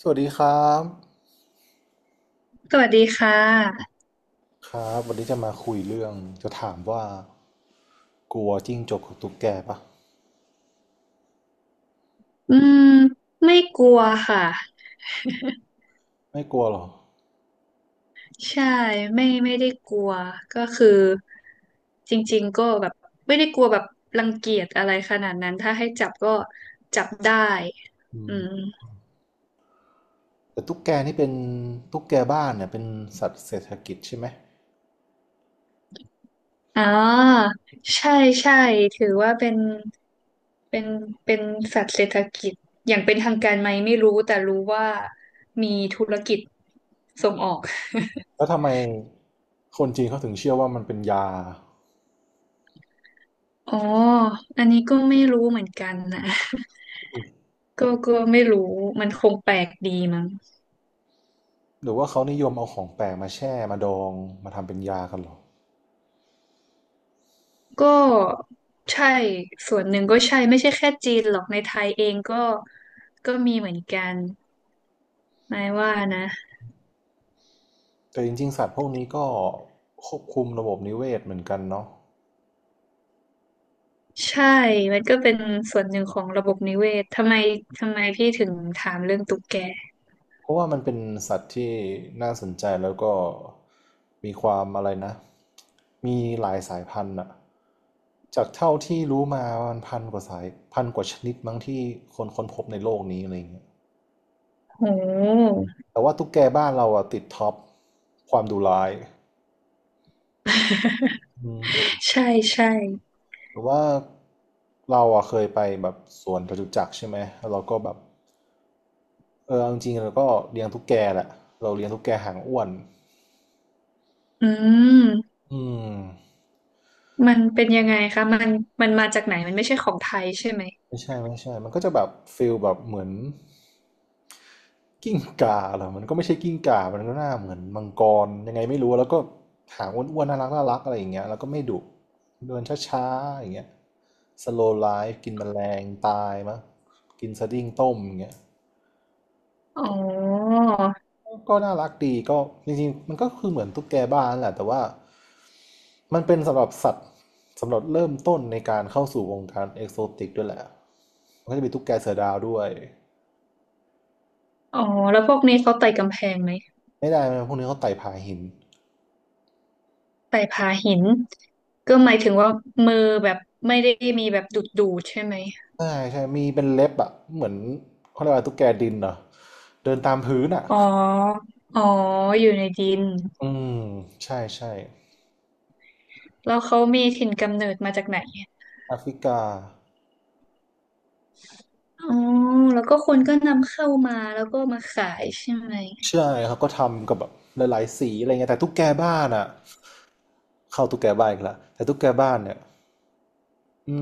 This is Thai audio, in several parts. สวัสดีครับสวัสดีค่ะครับวันนี้จะมาคุยเรื่องจะถามว่ากลัวจิ้งจกกับตุ๊กแกปะอืมไม่กลัวค่ะ ไม่กลัวหรอใช่ไม่ไม่ได้กลัว ก็คือจริงๆก็แบบ ไม่ได้กลัวแบบรังเกียจอะไรขนาดนั้น ถ้าให้จับก็จับได้อือืมมแต่ตุ๊กแกนี่เป็นตุ๊กแกบ้านเนี่ยเป็นสัตว์เศรษฐกิจใช่ไหมอ๋อใช่ใช่ถือว่าเป็น เป็นเป็นสัตว์เศรษฐกิจ อย่างเป็นทางการไหมไม่รู้แต่รู้ว่ามีธุรกิจส่งออกแล้วทำไมคนจีนเขาถึงเชื่อว่ามันเป็นยาอ๋อ อันนี้ก็ไม่รู้เหมือนกันนะ ก็ไม่รู้มันคงแปลกดีมั้งหรือว่าเขานิยมเอาของแปลกมาแช่มาดองมาทำเป็นยากันหรอก็ใช่ส่วนหนึ่งก็ใช่ไม่ใช่แค่จีนหรอกในไทยเองก็ก็มีเหมือนกันนายว่านะแต่จริงๆสัตว์พวกนี้ก็ควบคุมระบบนิเวศเหมือนกันเนาะ ใช่มันก็เป็นส่วนหนึ่งของระบบนิเวศทำไมพี่ถึงถามเรื่องตุ๊กแกเพราะว่ามันเป็นสัตว์ที่น่าสนใจแล้วก็มีความอะไรนะมีหลายสายพันธุ์อะจากเท่าที่รู้มามันพันกว่าสายพันกว่าชนิดมั้งที่คนค้นพบในโลกนี้อะไรเงี้ยโห แต่ว่าตุ๊กแกบ้านเราอะติดท็อปความดุร้ายอืม ใช่ใช่หรือว่าเราอะเคยไปแบบสวนจตุจักรใช่ไหมแล้วเราก็แบบเออเอาจริงๆเราก็เลี้ยงตุ๊กแกแหละเราเลี้ยงตุ๊กแกหางอ้วนอืมอืม มันเป็นยังไงคะมันมาจากไหนมันไม่ใช่ของไทยใช่ไหมไม่ใช่ไม่ใช่มันก็จะแบบฟิลแบบเหมือนกิ้งก่าเหรอมันก็ไม่ใช่กิ้งก่ามันก็หน้าเหมือนมังกรยังไงไม่รู้ แล้วก็หางอ้วนๆน่ารักน่ารักอะไรอย่างเงี้ยแล้วก็ไม่ดุเดินช้าๆอย่างเงี้ยสโลไลฟกินแมลงตายมั้งกินสดิ้งต้มอย่างเงี้ยอ๋อก็น่ารักดีก็จริงๆมันก็คือเหมือนตุ๊กแกบ้านแหละแต่ว่ามันเป็นสำหรับสัตว์สำหรับเริ่มต้นในการเข้าสู่วงการเอกโซติกด้วยแหละมันก็จะมีตุ๊กแกเสือดาวด้วยอ๋อแล้วพวกนี้เขาไต่กำแพงไหม ไม่ได้นะพวกนี้เขาไต่ผาหิน ใส่ผาหินก็หมายถึงว่ามือแบบไม่ได้มีแบบดูดใช่ไหมใช่ใช่ มีเป็นเล็บอ่ะเหมือนเขาเรียกว่าตุ๊กแกดินเหรอเดินตามพื้นอ่ะอ๋ออ๋ออยู่ในดินอืมใช่ใช่แล้วเขามีถิ่นกำเนิดมาจากไหนแอฟริกาอ๋อแล้วก็คนก็นำเข้ามาแล้วก็มาขายใช่ไหมใช่เขาก็ทำกับแบบหลายๆสีอะไรเงี้ยแต่ตุ๊กแกบ้านอ่ะเข้าตุ๊กแกบ้านอีกแล้วแต่ตุ๊กแกบ้านเนี่ยอื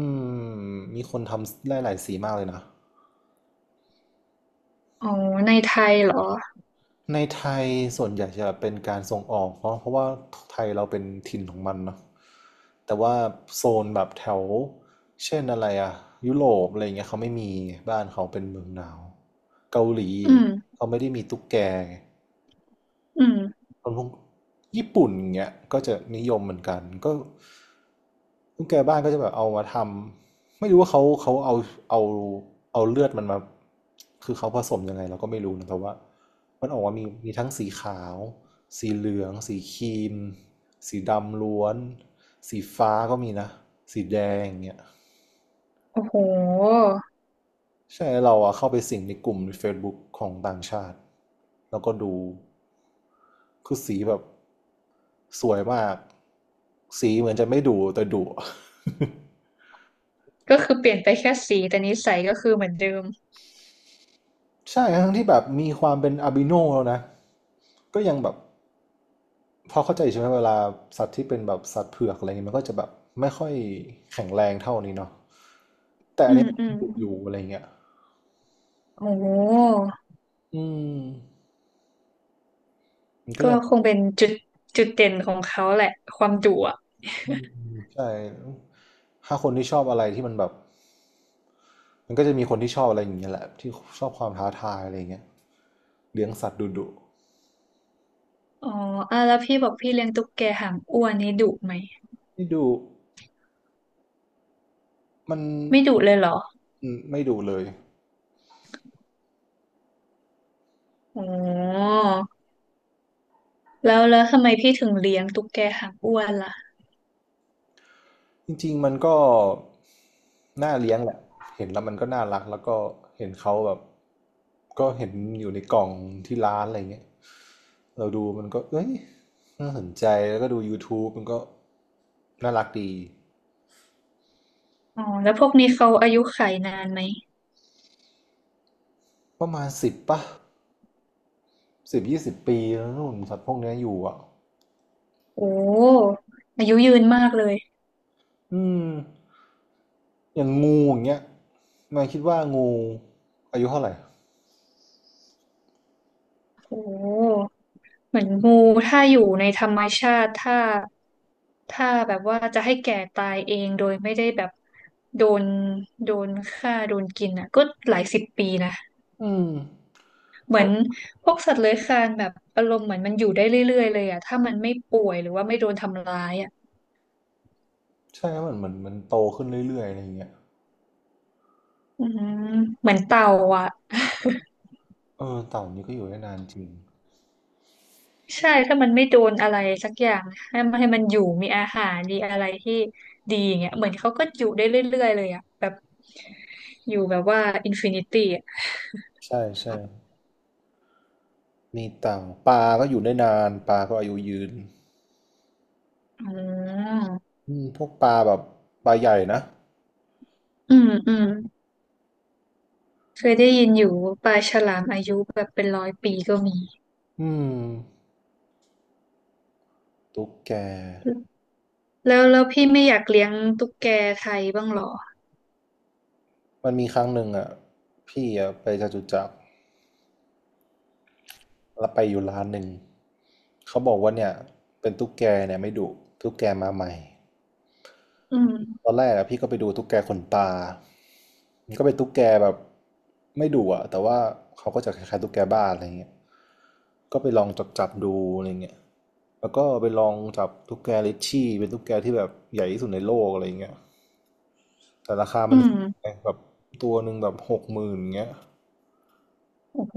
มมีคนทำหลายๆสีมากเลยนะ อ๋อในไทยเหรอในไทยส่วนใหญ่จะเป็นการส่งออกเพราะว่าไทยเราเป็นถิ่นของมันเนาะแต่ว่าโซนแบบแถวเช่นอะไรอะยุโรปอะไรเงี้ยเขาไม่มีบ้านเขาเป็นเมืองหนาวเกาหลีอืมเขาไม่ได้มีตุ๊กแกไง อืมคนพวกญี่ปุ่นเงี้ยก็จะนิยมเหมือนกันก็ลูกแกบ้านก็จะแบบเอามาทำไม่รู้ว่าเขาเอาเลือดมันมาคือเขาผสมยังไงเราก็ไม่รู้นะแต่ว่ามันออกมามีมีทั้งสีขาวสีเหลืองสีครีมสีดำล้วนสีฟ้าก็มีนะสีแดงอย่างเงี้ย โอ้โหใช่เราอะเข้าไปสิงในกลุ่มใน Facebook ของต่างชาติแล้วก็ดูคือสีแบบสวยมากสีเหมือนจะไม่ดุแต่ดุ ก็คือเปลี่ยนไปแค่สีแต่นิสัยก็คือเหมือนเดิมใช่ทั้งที่แบบมีความเป็นอาบิโนแล้วนะก็ยังแบบพอเข้าใจใช่ไหมเวลาสัตว์ที่เป็นแบบสัตว์เผือกอะไรเงี้ยมันก็จะแบบไม่ค่อยแข็งแรงเท่านี้เนาะแต่อือันมนี้มันอืมดุอยู่อะไรเงี้ยโอ้โหอืมมันก็ก็ยัง คงเป็นจุดเด่นของเขาแหละความดุ อืมใช่ถ้าคนที่ชอบอะไรที่มันแบบมันก็จะมีคนที่ชอบอะไรอย่างเงี้ยแหละที่ชอบความท้าทายอะไรอย่างเงี้ยเลี้ยงสัตว์ดุดุอ๋ออ่ะแล้วพี่บอกพี่เลี้ยงตุ๊กแกหางอ้วนนี่ดุไหมนี่ดูมันไม่ดุเลยเหรออืมไม่ดุเลยอ๋อแล้วทำไมพี่ถึงเลี้ยงตุ๊กแกหางอ้วนล่ะจริงๆมันก็น่าเลี้ยงแหละเห็นแล้วมันก็น่ารักแล้วก็เห็นเขาแบบก็เห็นอยู่ในกล่องที่ร้านอะไรเงี้ยเราดูมันก็เอ้ยน่าสนใจแล้วก็ดูยู u t บ e มันก็น่ารักดีอ๋อแล้วพวกนี้เขาอายุขัยนานไหมประมาณสิบป่ะ สิบยี่สิบปีแล้วนู่นสัตว์พวกนี้อยู่อ่ะโอ้อายุยืนมากเลยอืมอย่างงูอย่างเงี้ยนายคิดว่างูอายุเท่าไหร่โอ้เหมือนงูถ้าอยู่ในธรรมชาติถ้าแบบว่าจะให้แก่ตายเองโดยไม่ได้แบบโดนฆ่าโดนกินอ่ะก็หลายสิบปีนะ อืมเหมือนพวกสัตว์เลื้อยคลานแบบอารมณ์เหมือนมันอยู่ได้เรื่อยๆเลยอะถ้ามันไม่ป่วยหรือว่าไม่โดนทำร้ายอะใช่หมมันเหมือนมันโตขึ้นเรื่อยๆอะไรอย่างเงี้ยอืมเหมือนเต่าอะ เออเต่านี่ก็อยู่ได้นานจริง ใช่ถ้ามันไม่โดนอะไรสักอย่างให้มันอยู่มีอาหารดีอะไรที่ดีอย่างเงี้ยเหมือนเขาก็อยู่ได้เรื่อยๆเลยอะแบบอยู่แบบว่าอินฟินิตี้อะใช่ใช่มีเต่าปลาก็อยู่ได้นานปลาก็อายุยืนอืมอืมพวกปลาแบบปลาใหญ่นะอืมอืมเคยได้ยินอยู่ว่าปลาฉลามอายุแบบเป็นร้อยปีก็มีอืมตุ๊กแก แล้วพี่ไม่อยากเลี้ยงตุ๊กแกไทยบ้างเหรอมันมีครั้งหนึ่งอ่ะ พี่อ่ะไปจตุจักร เราไปอยู่ร้านหนึ่งเขาบอกว่าเนี่ยเป็นตุ๊กแกเนี่ยไม่ดุตุ๊กแกมาใหม่อืตม อนแรกอะพี่ก็ไปดูตุ๊กแกขนตามันก็เป็นตุ๊กแกแบบไม่ดุอะแต่ว่าเขาก็จะคล้ายๆตุ๊กแกบ้านอะไรเงี้ยก็ไปลองจับจับดูอะไรเงี้ยแล้วก็ไปลองจับตุ๊กแกลิชชี่เป็นตุ๊กแกที่แบบใหญ่ที่สุดในโลกอะไรเงี้ยแต่ราคาอืมันมแบบตัวหนึ่งแบบหกหมื่นเงี้ย โอ้โห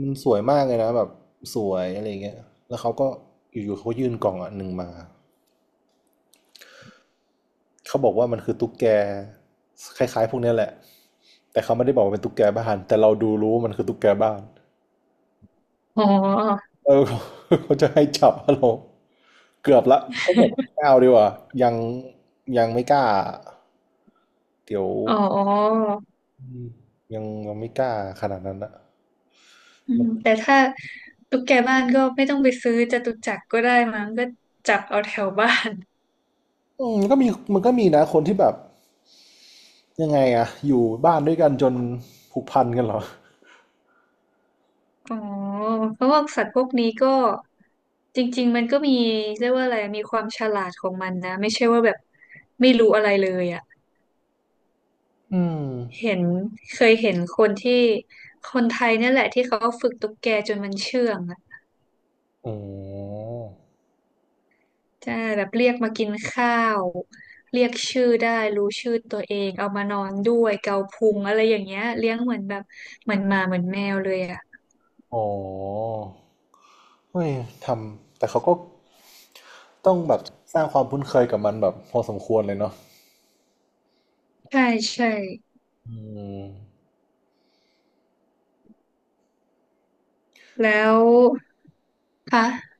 มันสวยมากเลยนะแบบสวยอะไรเงี้ยแล้วเขาก็อยู่ๆเขายื่นกล่องอันหนึ่งมาเขาบอกว่ามันคือตุ๊กแกคล้ายๆพวกเนี้ยแหละแต่เขาไม่ได้บอกว่าเป็นตุ๊กแกบ้านแต่เราดูรู้ว่ามันคือตุ๊กแกบ้านอ๋อ เออเขาจะให้จับเราเกือบละก็บอกไม่เอาดีกว่ายังยังไม่กล้าเดี๋ยวอ๋ออืมยังไม่กล้าขนาดนั้นนะอืมัมนแต่ถ้าตุ๊กแกบ้านก็ไม่ต้องไปซื้อจตุจักรก็ได้มั้งก็จับเอาแถวบ้าน อืมมันก็มีนะคนที่แบบยังไงอะอยู่บ้านด้วยกันจนผูกพันกันเหรอ อ๋อ เพราะว่าสัตว์พวกนี้ก็จริงๆมันก็มีเรียกว่าอะไรมีความฉลาดของมันนะไม่ใช่ว่าแบบไม่รู้อะไรเลยอ่ะอืมเห็นเคยเห็นคนที่คนไทยเนี่ยแหละที่เขาฝึกตุ๊กแกจนมันเชื่องอะ อ๋อใช่แบบเรียกมากินข้าวเรียกชื่อได้รู้ชื่อตัวเองเอามานอนด้วยเกาพุงอะไรอย่างเงี้ยเลี้ยงเหมือนแบบเหมือนหมาเหมือนแมวเลยอ่ะอ๋อเฮ้ยทำแต่เขาก็ต้องแบบสร้างความคุ้นเคยกับมันแบบพอสมควรเลยเนาะใช่ใช่อืมแล้วคะ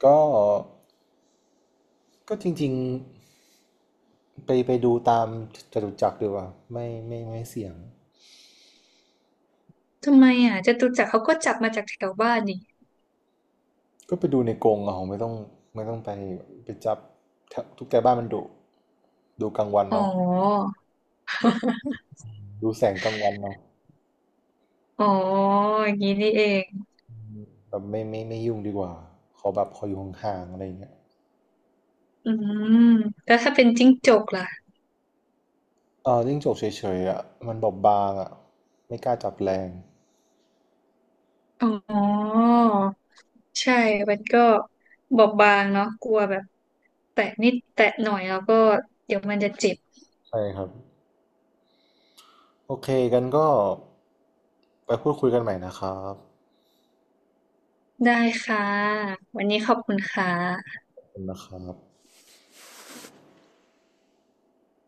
ก็ก็จริงๆ ไปดูตามจตุจักรดีกว่า ไม่ไม่ไม่เสี่ยง ทำไมอ่ะจตุจักรเขาก็จับมาจากแถวบ้านนี่ก็ไปดูในกรงเอาไม่ต้องไปจับถ้าทุกแกบ้านมันดุดูกลางวันอ๋อเอาดูแสงกลางวันเอาอ๋ออย่างนี้นี่เองแบบไม่ไม่ไม่ยุ่งดีกว่าขอแบบขออยู่ห่างๆอะไรอย่างเงี้ย อืมแล้วถ้าเป็นจิ้งจกล่ะจิ้งจกเฉยๆอ่ะมันบอบบางอ่ะไม่กล้าจับแรงอ๋อใช่มันก็บอบบางเนาะกลัวแบบแตะนิดแตะหน่อยแล้วก็เดี๋ยวมันจะเจ็บ ใช่ครับโอเคกันก็ไปพูดคุยกันใหม่นะครับได้ค่ะ วันนี้ขอบคุณค่ะขอบคุณนะครับ